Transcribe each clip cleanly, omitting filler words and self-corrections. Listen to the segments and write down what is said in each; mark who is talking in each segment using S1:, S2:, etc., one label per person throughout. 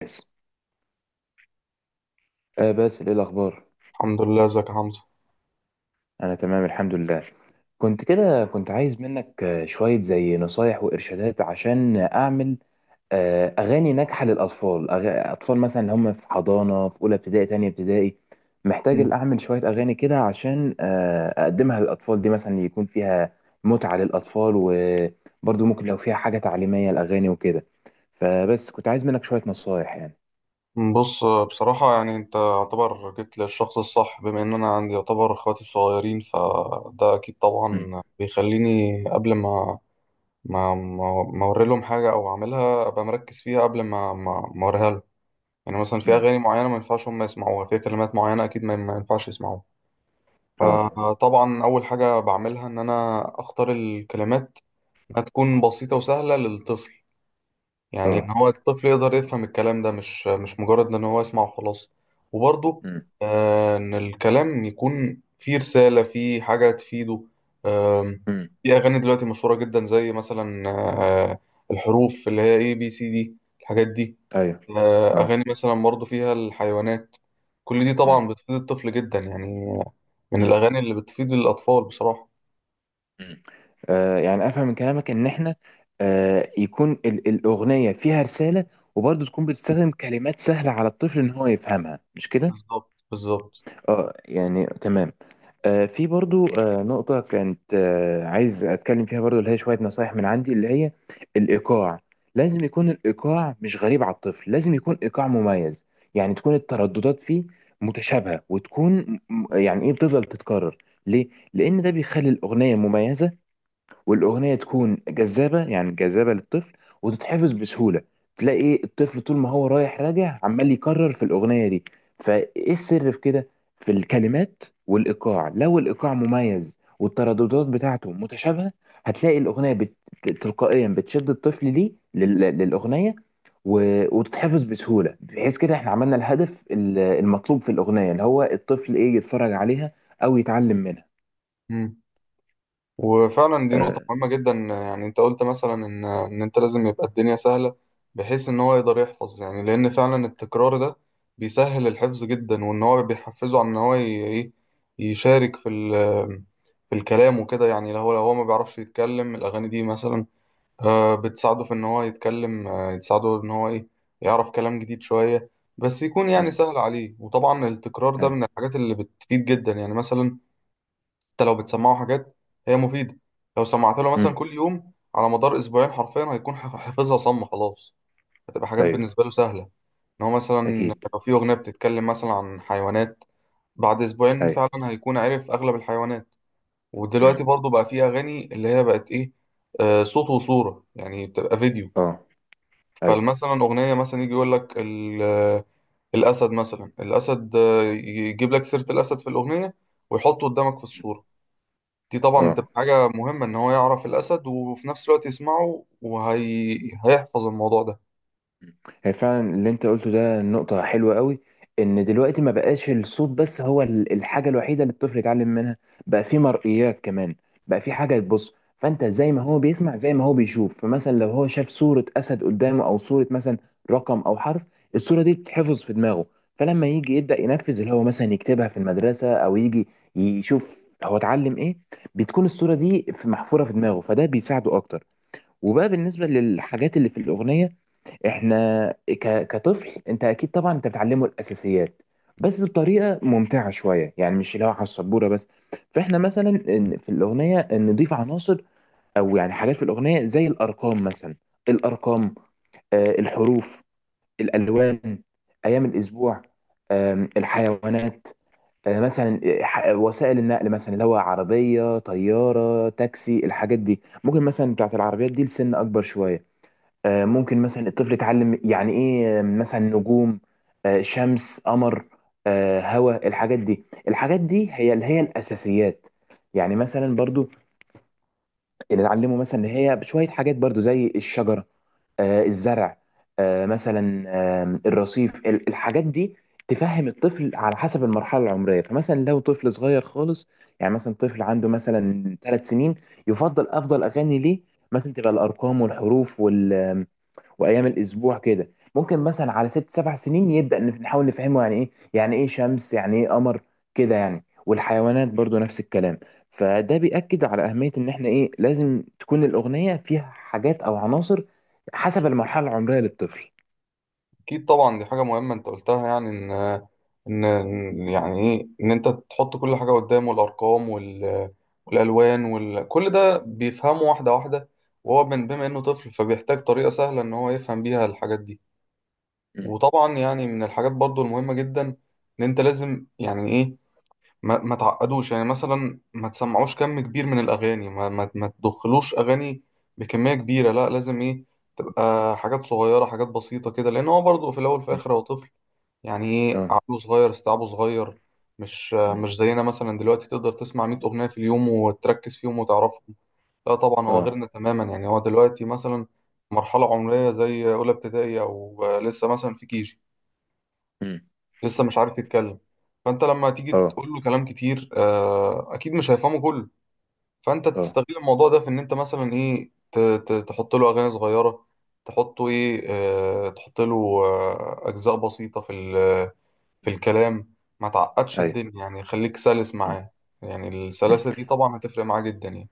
S1: بس. باسل، ايه الاخبار؟
S2: الحمد لله، ازيك يا حمزة؟
S1: انا تمام الحمد لله. كنت عايز منك، شوية زي نصايح وارشادات عشان اعمل اغاني ناجحة للاطفال. اطفال مثلا اللي هم في حضانة، في اولى ابتدائي، تانية ابتدائي. محتاج اعمل شوية اغاني كده عشان اقدمها للاطفال دي، مثلا يكون فيها متعة للاطفال، وبرضو ممكن لو فيها حاجة تعليمية الاغاني وكده. فبس كنت عايز منك شوية نصايح، يعني.
S2: بص، بصراحة يعني انت يعتبر جيت للشخص الصح بما ان انا عندي يعتبر اخواتي صغيرين، فده اكيد
S1: مم.
S2: طبعا بيخليني قبل ما ما اوري لهم حاجة او اعملها ابقى مركز فيها قبل ما ما اوريها لهم. يعني مثلا في
S1: مم.
S2: اغاني معينة ما ينفعش هم يسمعوها، في كلمات معينة اكيد ما ينفعش يسمعوها.
S1: اه.
S2: فطبعا اول حاجة بعملها ان انا اختار الكلمات، انها تكون بسيطة وسهلة للطفل. يعني ان
S1: اه.
S2: هو الطفل يقدر يفهم الكلام ده، مش مجرد ان هو يسمع وخلاص. وبرضه
S1: مم.
S2: ان الكلام يكون فيه رسالة، فيه حاجة تفيده. آم،
S1: مم.
S2: في اغاني دلوقتي مشهورة جدا زي مثلا الحروف اللي هي اي بي سي دي، الحاجات دي.
S1: ايوه. اه.
S2: اغاني مثلا برضه فيها الحيوانات، كل دي
S1: مم.
S2: طبعا بتفيد الطفل جدا يعني، من
S1: مم.
S2: الاغاني اللي بتفيد الاطفال بصراحة.
S1: مم. يعني افهم من كلامك ان احنا يكون الاغنيه فيها رساله، وبرضه تكون بتستخدم كلمات سهله على الطفل ان هو يفهمها، مش كده؟
S2: بالظبط بالظبط.
S1: اه، يعني تمام. في برضه نقطه كانت عايز اتكلم فيها برضه، اللي هي شويه نصايح من عندي، اللي هي الايقاع. لازم يكون الايقاع مش غريب على الطفل، لازم يكون ايقاع مميز. يعني تكون الترددات فيه متشابهه، وتكون يعني ايه، بتفضل تتكرر. ليه؟ لان ده بيخلي الاغنيه مميزه، والاغنيه تكون جذابه، يعني جذابه للطفل، وتتحفظ بسهوله. تلاقي إيه، الطفل طول ما هو رايح راجع عمال يكرر في الاغنيه دي. فايه السر في كده؟ في الكلمات والايقاع. لو الايقاع مميز والترددات بتاعته متشابهه، هتلاقي الاغنيه تلقائيا بتشد الطفل ليه للاغنيه، و... وتتحفظ بسهوله، بحيث كده احنا عملنا الهدف المطلوب في الاغنيه، اللي هو الطفل ايه، يتفرج عليها او يتعلم منها.
S2: مم. وفعلا دي نقطة
S1: آه.
S2: مهمة جدا، يعني انت قلت مثلا ان انت لازم يبقى الدنيا سهلة بحيث ان هو يقدر يحفظ. يعني لان فعلا التكرار ده بيسهل الحفظ جدا، وان هو بيحفزه على ان هو ايه، يشارك في في الكلام وكده. يعني لو هو لو هو ما بيعرفش يتكلم، الاغاني دي مثلا بتساعده في ان هو يتكلم، تساعده ان هو ايه، يعرف كلام جديد شوية بس يكون يعني
S1: مم.
S2: سهل عليه. وطبعا التكرار ده
S1: أيوة.
S2: من الحاجات اللي بتفيد جدا، يعني مثلا حتى لو بتسمعه حاجات هي مفيدة، لو سمعت له مثلا
S1: مم.
S2: كل يوم على مدار أسبوعين حرفيا هيكون حافظها صم خلاص، هتبقى حاجات
S1: أيوة.
S2: بالنسبة له سهلة. إن هو مثلا
S1: اكيد.
S2: لو في أغنية بتتكلم مثلا عن حيوانات، بعد أسبوعين
S1: ايوه.
S2: فعلا هيكون عارف أغلب الحيوانات. ودلوقتي
S1: امم.
S2: برضو بقى في أغاني اللي هي بقت إيه، آه، صوت وصورة، يعني بتبقى فيديو.
S1: اه. ايوه.
S2: فمثلا أغنية مثلا يجي يقول لك الأسد، مثلا الأسد يجيب لك سيرة الأسد في الأغنية، ويحطه قدامك في الصورة. دي طبعا
S1: اه.
S2: بتبقى حاجة مهمة إن هو يعرف الأسد، وفي نفس الوقت يسمعه وهي... هيحفظ الموضوع ده.
S1: هي فعلا اللي انت قلته ده نقطة حلوة قوي، ان دلوقتي ما بقاش الصوت بس هو الحاجة الوحيدة اللي الطفل يتعلم منها. بقى في مرئيات كمان، بقى في حاجة تبص. فانت زي ما هو بيسمع، زي ما هو بيشوف. فمثلا لو هو شاف صورة اسد قدامه، او صورة مثلا رقم او حرف، الصورة دي بتتحفظ في دماغه. فلما يجي يبدأ ينفذ، اللي هو مثلا يكتبها في المدرسة، او يجي يشوف هو اتعلم ايه، بتكون الصورة دي محفورة في دماغه، فده بيساعده اكتر. وبقى بالنسبة للحاجات اللي في الأغنية، احنا كطفل، انت اكيد طبعا انت بتعلمه الاساسيات، بس بطريقه ممتعه شويه، يعني مش اللي هو على السبوره بس. فاحنا مثلا في الاغنيه نضيف عناصر، او يعني حاجات في الاغنيه زي الارقام مثلا. الارقام، الحروف، الالوان، ايام الاسبوع، الحيوانات، مثلا وسائل النقل، مثلا اللي هو عربيه، طياره، تاكسي، الحاجات دي. ممكن مثلا بتاعت العربيات دي لسن اكبر شويه. ممكن مثلا الطفل يتعلم يعني ايه، مثلا نجوم، شمس، قمر، هواء، الحاجات دي. الحاجات دي هي اللي هي الاساسيات. يعني مثلا برضو اللي اتعلمه مثلا، اللي هي شويه حاجات برضو زي الشجره، الزرع، مثلا، الرصيف، الحاجات دي. تفهم الطفل على حسب المرحله العمريه. فمثلا لو طفل صغير خالص، يعني مثلا طفل عنده مثلا 3 سنين، يفضل افضل اغاني ليه مثلا تبقى الارقام والحروف وايام الاسبوع كده. ممكن مثلا على ست سبع سنين يبدا نحاول نفهمه يعني ايه، يعني ايه شمس، يعني ايه قمر، كده يعني. والحيوانات برضو نفس الكلام. فده بيأكد على أهمية إن إحنا، إيه، لازم تكون الأغنية فيها حاجات أو عناصر حسب المرحلة العمرية للطفل.
S2: أكيد طبعا دي حاجة مهمة أنت قلتها، يعني إن إن يعني إيه، إن أنت تحط كل حاجة قدامه، الأرقام وال... والألوان وال... كل ده بيفهمه واحدة واحدة. وهو من بما إنه طفل فبيحتاج طريقة سهلة إن هو يفهم بيها الحاجات دي.
S1: مم.
S2: وطبعا يعني من الحاجات برضو المهمة جدا إن أنت لازم يعني إيه ما تعقدوش. يعني مثلا ما تسمعوش كم كبير من الأغاني، ما تدخلوش أغاني بكمية كبيرة. لا لازم إيه، تبقى حاجات صغيرة، حاجات بسيطة كده، لأن هو برضه في الأول في
S1: مم.
S2: الآخر هو طفل. يعني إيه،
S1: اه.
S2: عقله صغير استيعابه صغير، مش
S1: مم.
S2: مش زينا مثلا دلوقتي تقدر تسمع 100
S1: مم.
S2: أغنية في اليوم وتركز فيهم وتعرفهم. لا طبعا هو
S1: اه.
S2: غيرنا تماما، يعني هو دلوقتي مثلا مرحلة عمرية زي أولى ابتدائي أو لسه مثلا في كيجي،
S1: مم.
S2: لسه مش عارف يتكلم. فانت لما تيجي
S1: اه.
S2: تقول له كلام كتير اكيد مش هيفهمه كله. فانت
S1: اه.
S2: تستغل الموضوع ده في ان انت مثلا ايه تحط له اغاني صغيره، تحطه ايه، تحط له اجزاء بسيطه في في
S1: مم.
S2: الكلام. ما تعقدش
S1: ايوه.
S2: الدنيا، يعني خليك سلس
S1: مم.
S2: معاه. يعني
S1: مم.
S2: السلاسه دي طبعا هتفرق معاه جدا يعني.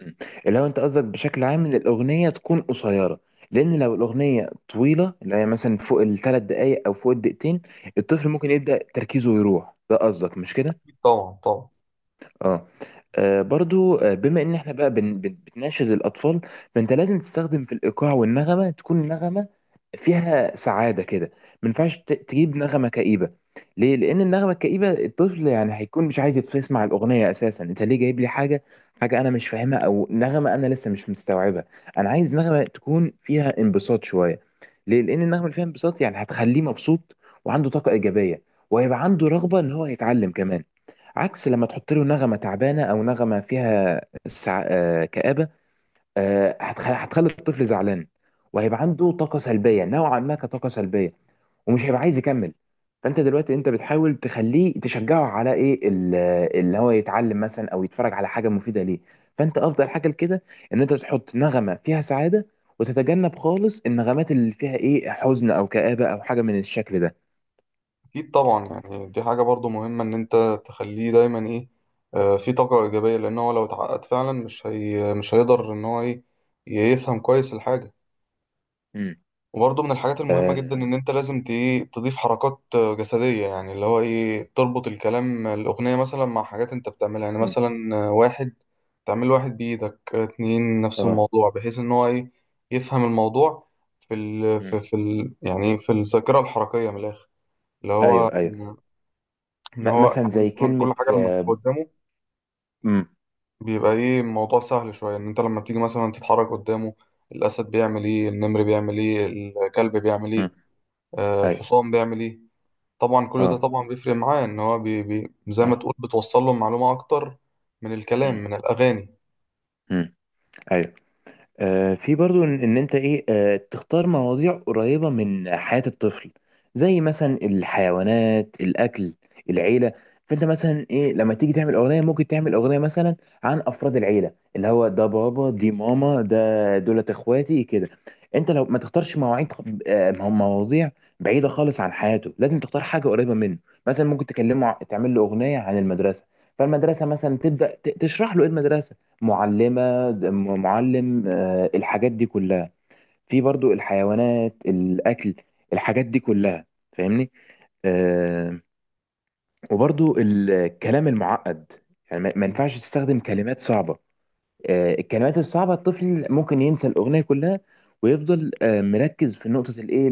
S1: مم. اللي هو انت قصدك بشكل عام ان الاغنيه تكون قصيره، لان لو الاغنيه طويله، اللي هي مثلا فوق الثلاث دقائق او فوق الدقيقتين، الطفل ممكن يبدا تركيزه يروح. ده قصدك، مش كده؟
S2: طبعا.
S1: اه. برضو، بما ان احنا بقى بتناشد الاطفال، فانت لازم تستخدم في الايقاع، والنغمه تكون نغمه فيها سعاده كده. ما ينفعش تجيب نغمه كئيبه. ليه؟ لان النغمه الكئيبه الطفل يعني هيكون مش عايز يسمع الاغنيه اساسا. انت ليه جايب لي حاجه، حاجه انا مش فاهمها، او نغمه انا لسه مش مستوعبها؟ انا عايز نغمه تكون فيها انبساط شويه. ليه؟ لان النغمه اللي فيها انبساط يعني هتخليه مبسوط، وعنده طاقه ايجابيه، وهيبقى عنده رغبه ان هو يتعلم كمان. عكس لما تحط له نغمة تعبانة، أو نغمة فيها سع... آه، كآبة، هتخلي الطفل زعلان، وهيبقى عنده طاقة سلبية نوعا ما، كطاقة سلبية، ومش هيبقى عايز يكمل. فأنت دلوقتي، أنت بتحاول تخليه، تشجعه على إيه اللي هو يتعلم مثلا أو يتفرج على حاجة مفيدة ليه. فأنت أفضل حاجة لكده إن أنت تحط نغمة فيها سعادة، وتتجنب خالص النغمات اللي فيها إيه حزن أو كآبة أو حاجة من الشكل ده.
S2: أكيد طبعا، يعني دي حاجة برضو مهمة إن أنت تخليه دايما إيه، في طاقة إيجابية، لأن هو لو اتعقد فعلا مش مش هيقدر إن هو إيه، يفهم كويس الحاجة.
S1: امم.
S2: وبرضو من الحاجات المهمة جدا
S1: آه.
S2: إن أنت لازم إيه، تضيف حركات جسدية، يعني اللي هو إيه، تربط الكلام الأغنية مثلا مع حاجات أنت بتعملها. يعني
S1: مم.
S2: مثلا واحد، تعمل واحد بإيدك، اتنين نفس
S1: آه.
S2: الموضوع، بحيث إن هو إيه، يفهم الموضوع في ال
S1: مم.
S2: في في ال يعني في الذاكرة الحركية من الآخر. اللي
S1: ايوه.
S2: هو
S1: ايوه.
S2: ان هو
S1: مثلا
S2: يعني
S1: زي
S2: مثلا
S1: كلمة
S2: كل حاجه لما بتبقى
S1: آه،
S2: قدامه
S1: مم،
S2: بيبقى ايه الموضوع سهل شويه. ان انت لما بتيجي مثلا تتحرك قدامه، الاسد بيعمل ايه، النمر بيعمل ايه، الكلب بيعمل
S1: مم،
S2: ايه، آه
S1: أيوه.
S2: الحصان بيعمل ايه. طبعا كل ده
S1: أه.
S2: طبعا بيفرق معاه، ان هو بي بي زي ما
S1: أيوه.
S2: تقول بتوصل له معلومه اكتر من الكلام
S1: مم.
S2: من الاغاني.
S1: مم، أيوه. في برضو إن انت ايه، تختار مواضيع قريبة من حياة الطفل، زي مثلا الحيوانات، الاكل، العيلة. فانت مثلا ايه، لما تيجي تعمل اغنية، ممكن تعمل اغنية مثلا عن افراد العيلة، اللي هو ده بابا، دي ماما، ده دولت اخواتي كده. انت لو ما تختارش مواعيد خ- آه، مواضيع بعيدة خالص عن حياته. لازم تختار حاجة قريبة منه. مثلا ممكن تكلمه، تعمل له اغنية عن المدرسة. فالمدرسة مثلا تبدأ تشرح له ايه المدرسة، معلمة، معلم، الحاجات دي كلها. في برضو الحيوانات، الأكل، الحاجات دي كلها، فاهمني؟ آه، وبرضو الكلام المعقد، يعني ما ينفعش تستخدم كلمات صعبة. الكلمات الصعبة الطفل ممكن ينسى الأغنية كلها، ويفضل مركز في نقطة الإيه،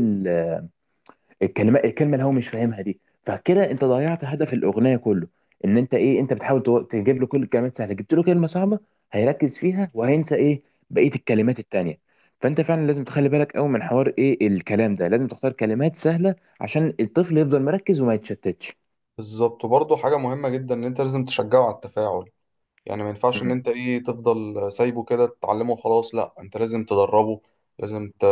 S1: الكلمه اللي هو مش فاهمها دي. فكده انت ضيعت هدف الاغنيه كله. ان انت ايه، انت بتحاول تجيب له كل الكلمات سهله، جبت له كلمه صعبه هيركز فيها، وهينسى ايه؟ بقيه الكلمات التانيه. فانت فعلا لازم تخلي بالك قوي من حوار ايه الكلام ده، لازم تختار كلمات سهله عشان الطفل يفضل مركز وما يتشتتش.
S2: بالظبط. وبرضه حاجه مهمه جدا ان انت لازم تشجعه على التفاعل. يعني ما ينفعش ان
S1: مم.
S2: انت ايه تفضل سايبه كده تتعلمه وخلاص، لا انت لازم تدربه، لازم ت...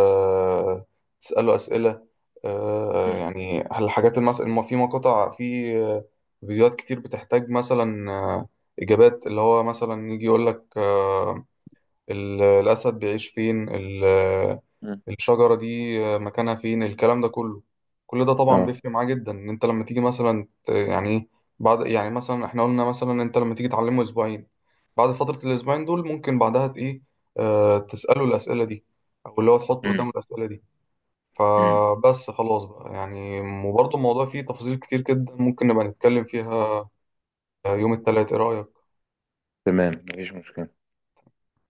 S2: تسأله أسئلة.
S1: مم.
S2: يعني الحاجات في مقاطع في فيديوهات كتير بتحتاج مثلا إجابات، اللي هو مثلا يجي يقول لك ال... الأسد بيعيش فين،
S1: مم.
S2: الشجرة دي مكانها فين، الكلام ده كله. كل ده طبعا
S1: اه.
S2: بيفرق معاه جدا، ان انت لما تيجي مثلا يعني إيه، بعد يعني مثلا احنا قلنا مثلا انت لما تيجي تعلمه اسبوعين، بعد فترة الأسبوعين دول ممكن بعدها إيه، آه تسأله الأسئلة دي، أو اللي هو تحط قدامه
S1: مم.
S2: الأسئلة دي.
S1: مم.
S2: فبس خلاص بقى يعني. وبرضه الموضوع فيه تفاصيل كتير جدا ممكن نبقى نتكلم فيها يوم التلات، إيه رأيك؟
S1: تمام، مفيش مشكلة.